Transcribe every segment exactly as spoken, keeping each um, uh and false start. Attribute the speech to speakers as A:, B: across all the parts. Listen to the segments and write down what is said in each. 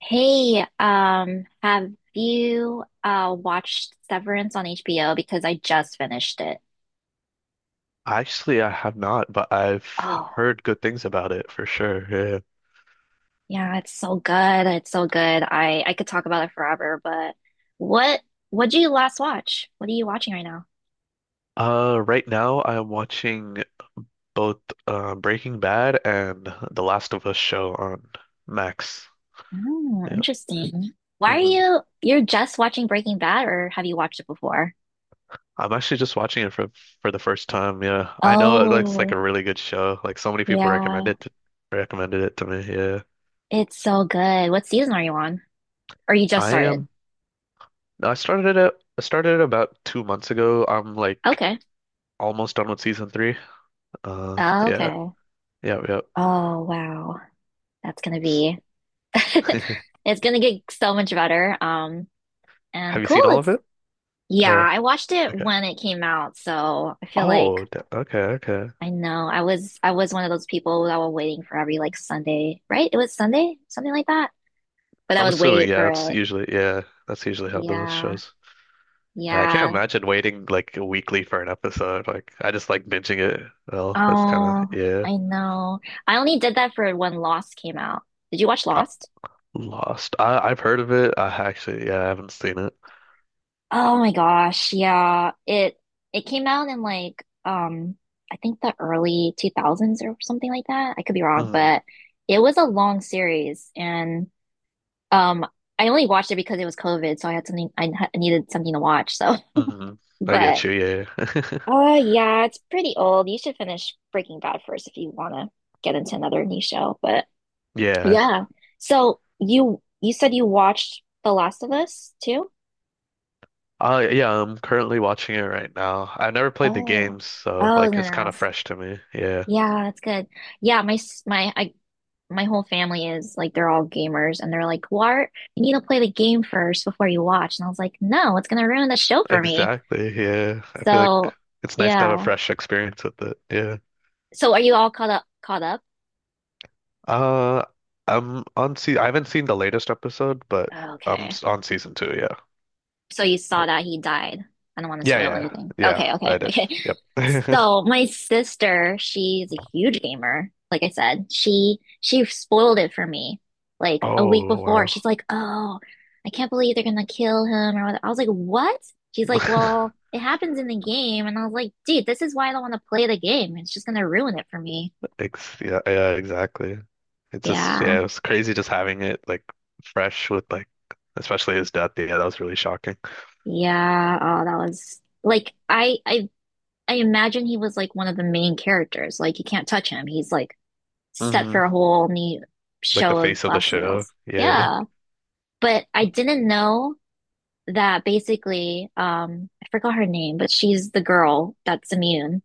A: Hey, um, have you uh watched Severance on H B O? Because I just finished it.
B: Actually, I have not, but I've
A: Oh,
B: heard good things about it for sure. Yeah.
A: yeah, it's so good. It's so good. I I could talk about it forever, but what what did you last watch? What are you watching right now?
B: Uh, right now I'm watching both, uh, Breaking Bad and The Last of Us show on Max.
A: Oh,
B: Yeah.
A: interesting. Why are
B: Hmm.
A: you you're just watching Breaking Bad or have you watched it before?
B: I'm actually just watching it for for the first time. Yeah. I know it looks like
A: Oh,
B: a really good show. Like so many people
A: yeah.
B: recommended it recommended it to me. Yeah.
A: It's so good. What season are you on? Or you just
B: I
A: started?
B: am I started it out- I started it about two months ago. I'm like
A: Okay.
B: almost done with season three. Uh yeah.
A: Okay.
B: Yeah,
A: Oh, wow. That's gonna be
B: yeah.
A: It's gonna get so much better. Um,
B: Have
A: and
B: you
A: cool.
B: seen all of
A: It's
B: it?
A: yeah,
B: Or
A: I watched it
B: Okay.
A: when it came out, so I feel like
B: Oh, d- okay, okay.
A: I know I was I was one of those people that were waiting for every like Sunday, right? It was Sunday, something like that. But I
B: I'm
A: would
B: assuming,
A: wait
B: yeah,
A: for
B: That's
A: it.
B: usually yeah, that's usually how those
A: Yeah,
B: shows. I can't
A: yeah.
B: imagine waiting like weekly for an episode. Like I just like binging it. Well, that's kind of,
A: Oh,
B: yeah.
A: I know. I only did that for when Lost came out. Did you watch
B: Uh,
A: Lost?
B: Lost. I I've heard of it. I actually, yeah, I haven't seen it.
A: Oh my gosh, yeah. It it came out in like um I think the early two thousands or something like that. I could be wrong,
B: Hmm.
A: but it was a long series and um I only watched it because it was COVID, so I had something I ha- needed something to watch. So,
B: Hmm. I get
A: but
B: you. Yeah.
A: uh yeah, it's pretty old. You should finish Breaking Bad first if you want to get into another new show, but
B: Yeah.
A: yeah. So, you you said you watched The Last of Us too?
B: Uh, yeah, I'm currently watching it right now. I've never played the
A: Oh.
B: games,
A: Oh,
B: so
A: I was
B: like
A: gonna
B: it's kind of
A: ask.
B: fresh to me. Yeah.
A: Yeah, that's good. Yeah, my s- my I my whole family is like they're all gamers and they're like, "What? You need to play the game first before you watch." And I was like, "No, it's gonna ruin the show for me."
B: Exactly. Yeah. I feel like
A: So,
B: it's nice to have a
A: yeah.
B: fresh experience with it. Yeah.
A: So are you all caught up caught up?
B: Uh, I'm on se I haven't seen the latest episode, but I'm
A: Okay.
B: s- on season two. Yeah.
A: So you saw
B: Yep.
A: that he died. I don't want to
B: Yeah.
A: spoil
B: Yeah.
A: anything.
B: Yeah.
A: Okay, okay,
B: I did.
A: okay.
B: Yep.
A: So my sister, she's a huge gamer. Like I said, she she spoiled it for me like a week
B: Oh,
A: before. She's
B: wow.
A: like, "Oh, I can't believe they're gonna kill him or whatever." I was like, "What?" She's like, "Well, it happens in the game," and I was like, "Dude, this is why I don't want to play the game. It's just gonna ruin it for me."
B: Ex yeah, yeah, exactly. It's just, yeah,
A: Yeah,
B: it was crazy just having it like fresh with like, especially his death. Yeah, that was really shocking.
A: yeah. Oh, that was like I I I imagine he was like one of the main characters. Like you can't touch him. He's like set
B: Hmm.
A: for a whole new
B: Like the
A: show of
B: face of the
A: Last of
B: show.
A: Us.
B: Yeah.
A: Yeah. But I didn't know that basically, um, I forgot her name, but she's the girl that's immune.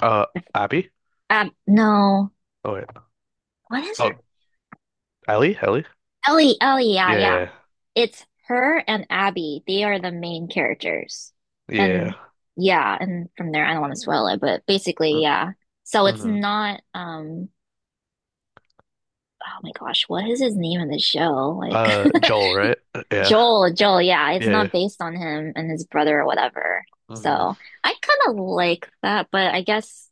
B: Uh, Abby?
A: Um, no,
B: Oh, wait.
A: what is her?
B: Oh, Ellie? Ellie?
A: Ellie, Ellie, yeah,
B: Yeah.
A: yeah.
B: Yeah. Yeah.
A: It's her and Abby. They are the main characters. And
B: Yeah.
A: yeah, and from there, I don't want to spoil it, but basically, yeah. So it's
B: Mm-hmm.
A: not, um, oh my gosh, what is his name in the show? Like,
B: Uh, Joel, right? Yeah.
A: Joel, Joel, yeah, it's
B: Yeah.
A: not based on him and his brother or whatever. So
B: Hmm.
A: I kind of like that, but I guess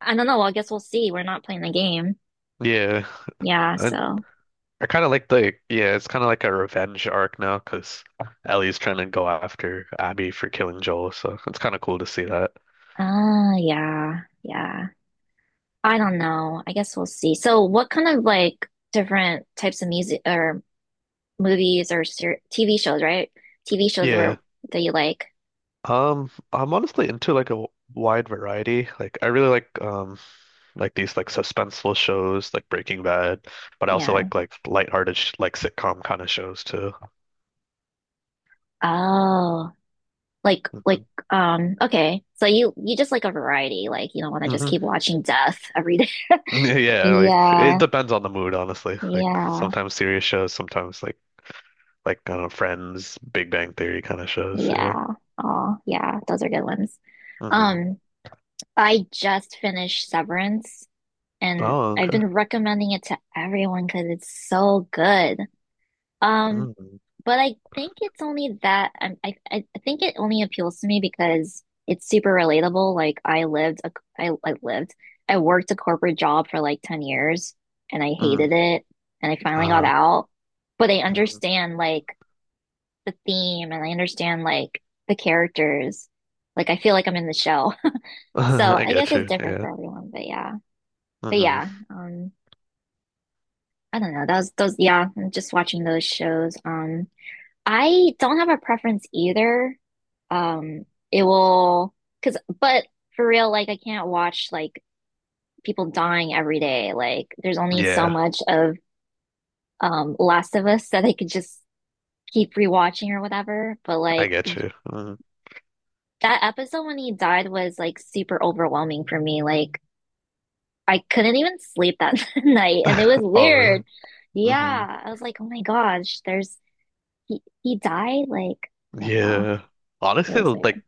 A: I don't know. I guess we'll see. We're not playing the game.
B: Yeah.
A: Yeah,
B: I,
A: so
B: I kind of like the, yeah, it's kind of like a revenge arc now because Ellie's trying to go after Abby for killing Joel. So it's kind of cool to see that.
A: uh yeah, yeah. I don't know. I guess we'll see. So what kind of like different types of music or movies or ser T V shows, right? T V shows
B: Yeah.
A: were that you like.
B: Um, I'm honestly into like a w- wide variety. Like I really like um like these like suspenseful shows like Breaking Bad, but I also
A: Yeah.
B: like like lighthearted sh like sitcom kind of shows too.
A: Oh, like like
B: Hmm.
A: um okay. So you you just like a variety. Like you don't want to just
B: Hmm.
A: keep watching death every
B: Yeah, yeah, like it
A: Yeah,
B: depends on the mood, honestly. Like
A: yeah,
B: sometimes serious shows, sometimes like like I don't know, Friends, Big Bang Theory kind of shows. Yeah.
A: yeah. Oh, yeah, those are good ones.
B: Hmm.
A: Um, I just finished Severance and
B: Oh,
A: I've
B: okay.
A: been recommending it to everyone because it's so good. Um,
B: Mm-hmm.
A: but I think it's only that um, I, I I think it only appeals to me because it's super relatable. Like I lived a, I, I lived I worked a corporate job for like ten years and I
B: Mm.
A: hated it and I finally got
B: Uh,
A: out. But I
B: mhm.
A: understand like the theme and I understand like the characters. Like I feel like I'm in the show. So
B: I
A: I guess
B: get
A: it's
B: you.
A: different
B: Yeah.
A: for everyone, but yeah. But
B: Hmm.
A: yeah, um I don't know. That was those yeah, I'm just watching those shows. Um I don't have a preference either. Um it will cause but For real like I can't watch like people dying every day. Like there's only so
B: Yeah,
A: much of um Last of Us that I could just keep rewatching or whatever. But
B: I
A: like
B: get you. Mhm.
A: that episode when he died was like super overwhelming for me. Like I couldn't even sleep that night, and it was
B: Oh,
A: weird.
B: really? Hmm.
A: Yeah, I was like, oh my gosh, there's he he died. Like I don't know,
B: Yeah.
A: it
B: Honestly,
A: was weird.
B: like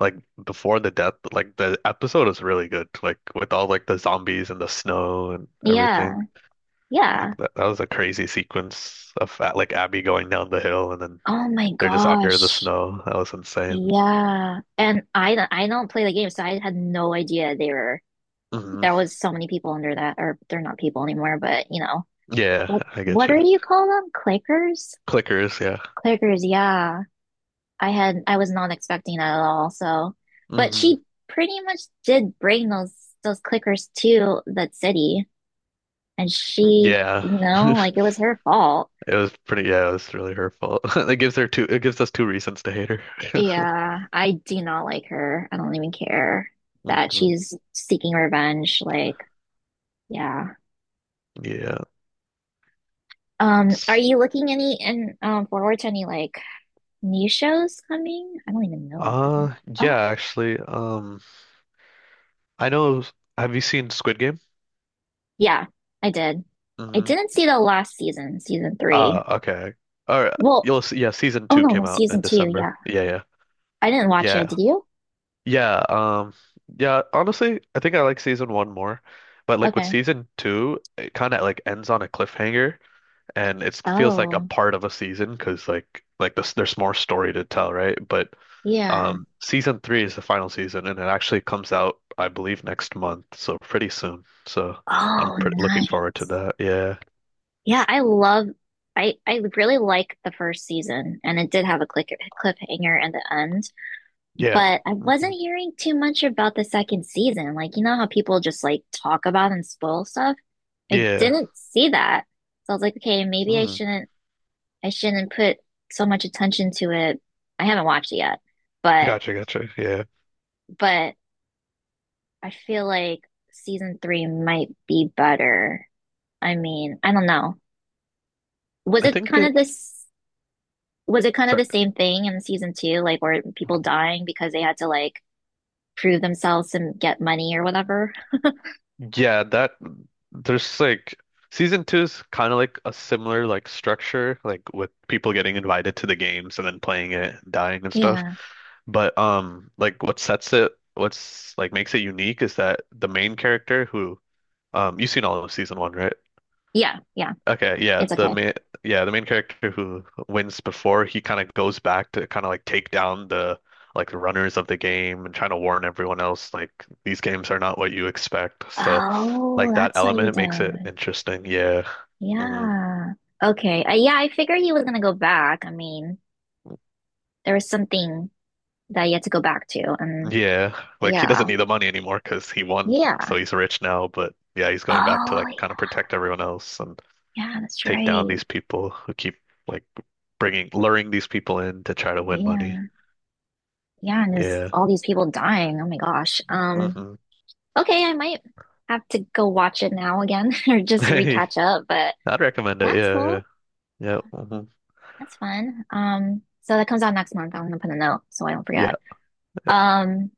B: like before the death, like the episode is really good. Like with all like the zombies and the snow and everything.
A: Yeah, yeah.
B: Like that, that was a crazy sequence of uh, like Abby going down the hill and then
A: Oh my
B: they're just under the
A: gosh,
B: snow. That was insane.
A: yeah. And I don't- I don't play the game, so I had no idea they were there
B: Hmm.
A: was so many people under that, or they're not people anymore. But you know
B: Yeah,
A: what
B: I get
A: what
B: you.
A: are you call them? Clickers,
B: Clickers, yeah.
A: clickers. Yeah. I had I was not expecting that at all. So, but
B: Hmm.
A: she pretty much did bring those those clickers to that city, and she,
B: Yeah.
A: you know, like it was her fault.
B: It was pretty, yeah, it was really her fault. It gives her two, it gives us two reasons to hate her.
A: Yeah, I do not like her. I don't even care that
B: Hmm.
A: she's seeking revenge. Like, yeah.
B: Yeah.
A: Um, are you looking any and um forward to any like new shows coming? I don't even know if them.
B: Uh,
A: Oh,
B: yeah, actually, um, I know, have you seen Squid Game?
A: yeah, I did. I
B: Hmm.
A: didn't see the last season, season three.
B: Ah, okay. All right.
A: Well,
B: You'll see, yeah, season
A: oh
B: two
A: no,
B: came
A: no,
B: out
A: season
B: in
A: two.
B: December.
A: Yeah,
B: Yeah, yeah.
A: I didn't watch it. Did
B: Yeah.
A: you?
B: Yeah, um, yeah, honestly, I think I like season one more. But like with
A: Okay.
B: season two, it kind of like ends on a cliffhanger and it feels like a
A: Oh,
B: part of a season because like like this there's more story to tell, right? But
A: yeah.
B: um season three is the final season and it actually comes out, I believe, next month, so pretty soon. So I'm
A: Oh,
B: pretty looking
A: nice.
B: forward to that. Yeah.
A: Yeah, I love. I I really like the first season, and it did have a click cliffhanger at the end.
B: Yeah.
A: But I
B: Hmm.
A: wasn't hearing too much about the second season. Like you know how people just like talk about and spoil stuff. I
B: Yeah.
A: didn't see that, so I was like, okay, maybe I
B: Mm.
A: shouldn't. I shouldn't put so much attention to it. I haven't watched it yet, but
B: Gotcha, gotcha. Yeah.
A: but. I feel like season three might be better. I mean, I don't know. Was
B: I
A: it
B: think
A: kind of
B: it,
A: this, was it kind of
B: sorry.
A: the same thing in season two? Like, were people dying because they had to like prove themselves and get money or whatever?
B: Yeah, that there's like season two is kind of like a similar like structure, like with people getting invited to the games and then playing it, dying and stuff.
A: Yeah.
B: But um, like what sets it, what's like makes it unique is that the main character who um, you've seen all of season one, right?
A: Yeah. Yeah.
B: Okay, yeah,
A: It's
B: the
A: okay.
B: main yeah, the main character who wins before he kind of goes back to kind of like take down the like the runners of the game and trying to warn everyone else like these games are not what you expect. So
A: Oh,
B: like that
A: that's what he
B: element makes it
A: does.
B: interesting. Yeah. Hmm.
A: Yeah. Okay. Uh, yeah, I figured he was gonna go back. I mean, there was something that he had to go back to, and
B: Yeah. Like he doesn't
A: yeah.
B: need the money anymore 'cause he won, so
A: Yeah.
B: he's rich now, but yeah, he's going back to like kind
A: Oh,
B: of protect everyone else and
A: yeah, yeah, that's
B: take down
A: right.
B: these people who keep like bringing luring these people in to try to win money.
A: Yeah. Yeah, and there's
B: Yeah.
A: all these people dying. Oh my gosh. Um,
B: Hmm.
A: okay, I might have to go watch it now again or just recatch
B: I'd
A: up, but
B: recommend it.
A: that's
B: Yeah, yeah,
A: cool.
B: yeah. Yep. Mhm.
A: That's fun. Um, so that comes out next month. I'm gonna put a note so I don't forget.
B: Yeah, yep.
A: Um,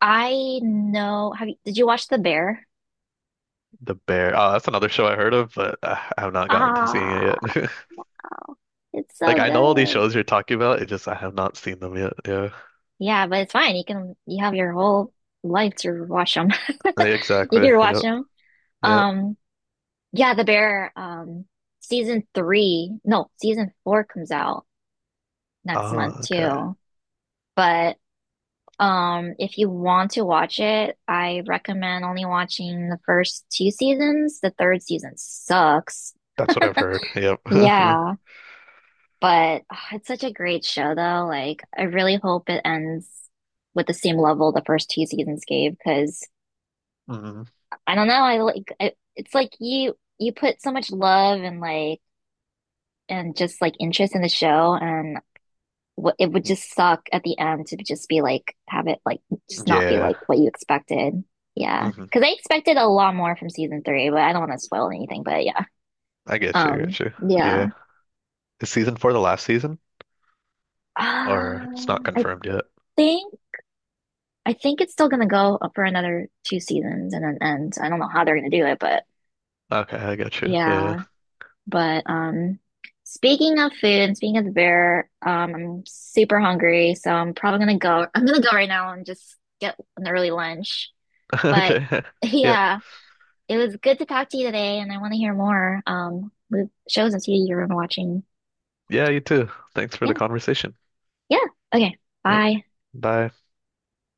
A: I know, have you, did you watch The Bear?
B: The Bear. Oh, that's another show I heard of, but uh, I have not gotten to seeing
A: Ah,
B: it yet.
A: no. It's
B: Like
A: so
B: I know all these
A: good.
B: shows you're talking about, it just I have not seen them yet. Yeah.
A: Yeah, but it's fine. You can, you have your whole life to watch them.
B: Yeah,
A: You
B: exactly.
A: can watch
B: Yep.
A: them.
B: Yep.
A: Um, Yeah, The Bear, um, season three, no, season four comes out next month
B: Ah, okay.
A: too. But um, if you want to watch it, I recommend only watching the first two seasons. The third season sucks.
B: That's what I've heard. Yep.
A: Yeah, but ah, it's such a great show though. Like, I really hope it ends with the same level the first two seasons gave because
B: Hmm.
A: I don't know, I like it, it's like you you put so much love and like and just like interest in the show and it would just suck at the end to just be like have it like just not be
B: Yeah.
A: like what you expected. Yeah,
B: Hmm.
A: because I expected a lot more from season three, but I don't want to spoil anything. But yeah,
B: I get you. I
A: um,
B: get you. Yeah.
A: yeah.
B: Is season four the last season, or it's not
A: Uh, I
B: confirmed yet?
A: think I think it's still gonna go for another two seasons and then end. I don't know how they're gonna do it, but
B: Okay, I got you. Yeah.
A: yeah. But um, speaking of food and speaking of the bear, um, I'm super hungry, so I'm probably gonna go. I'm gonna go right now and just get an early lunch. But
B: Okay. Yep.
A: yeah, it was good to talk to you today, and I want to hear more um with shows and see you're watching.
B: Yeah, you too. Thanks for the
A: Yeah,
B: conversation.
A: yeah. Okay,
B: Yep.
A: bye.
B: Bye.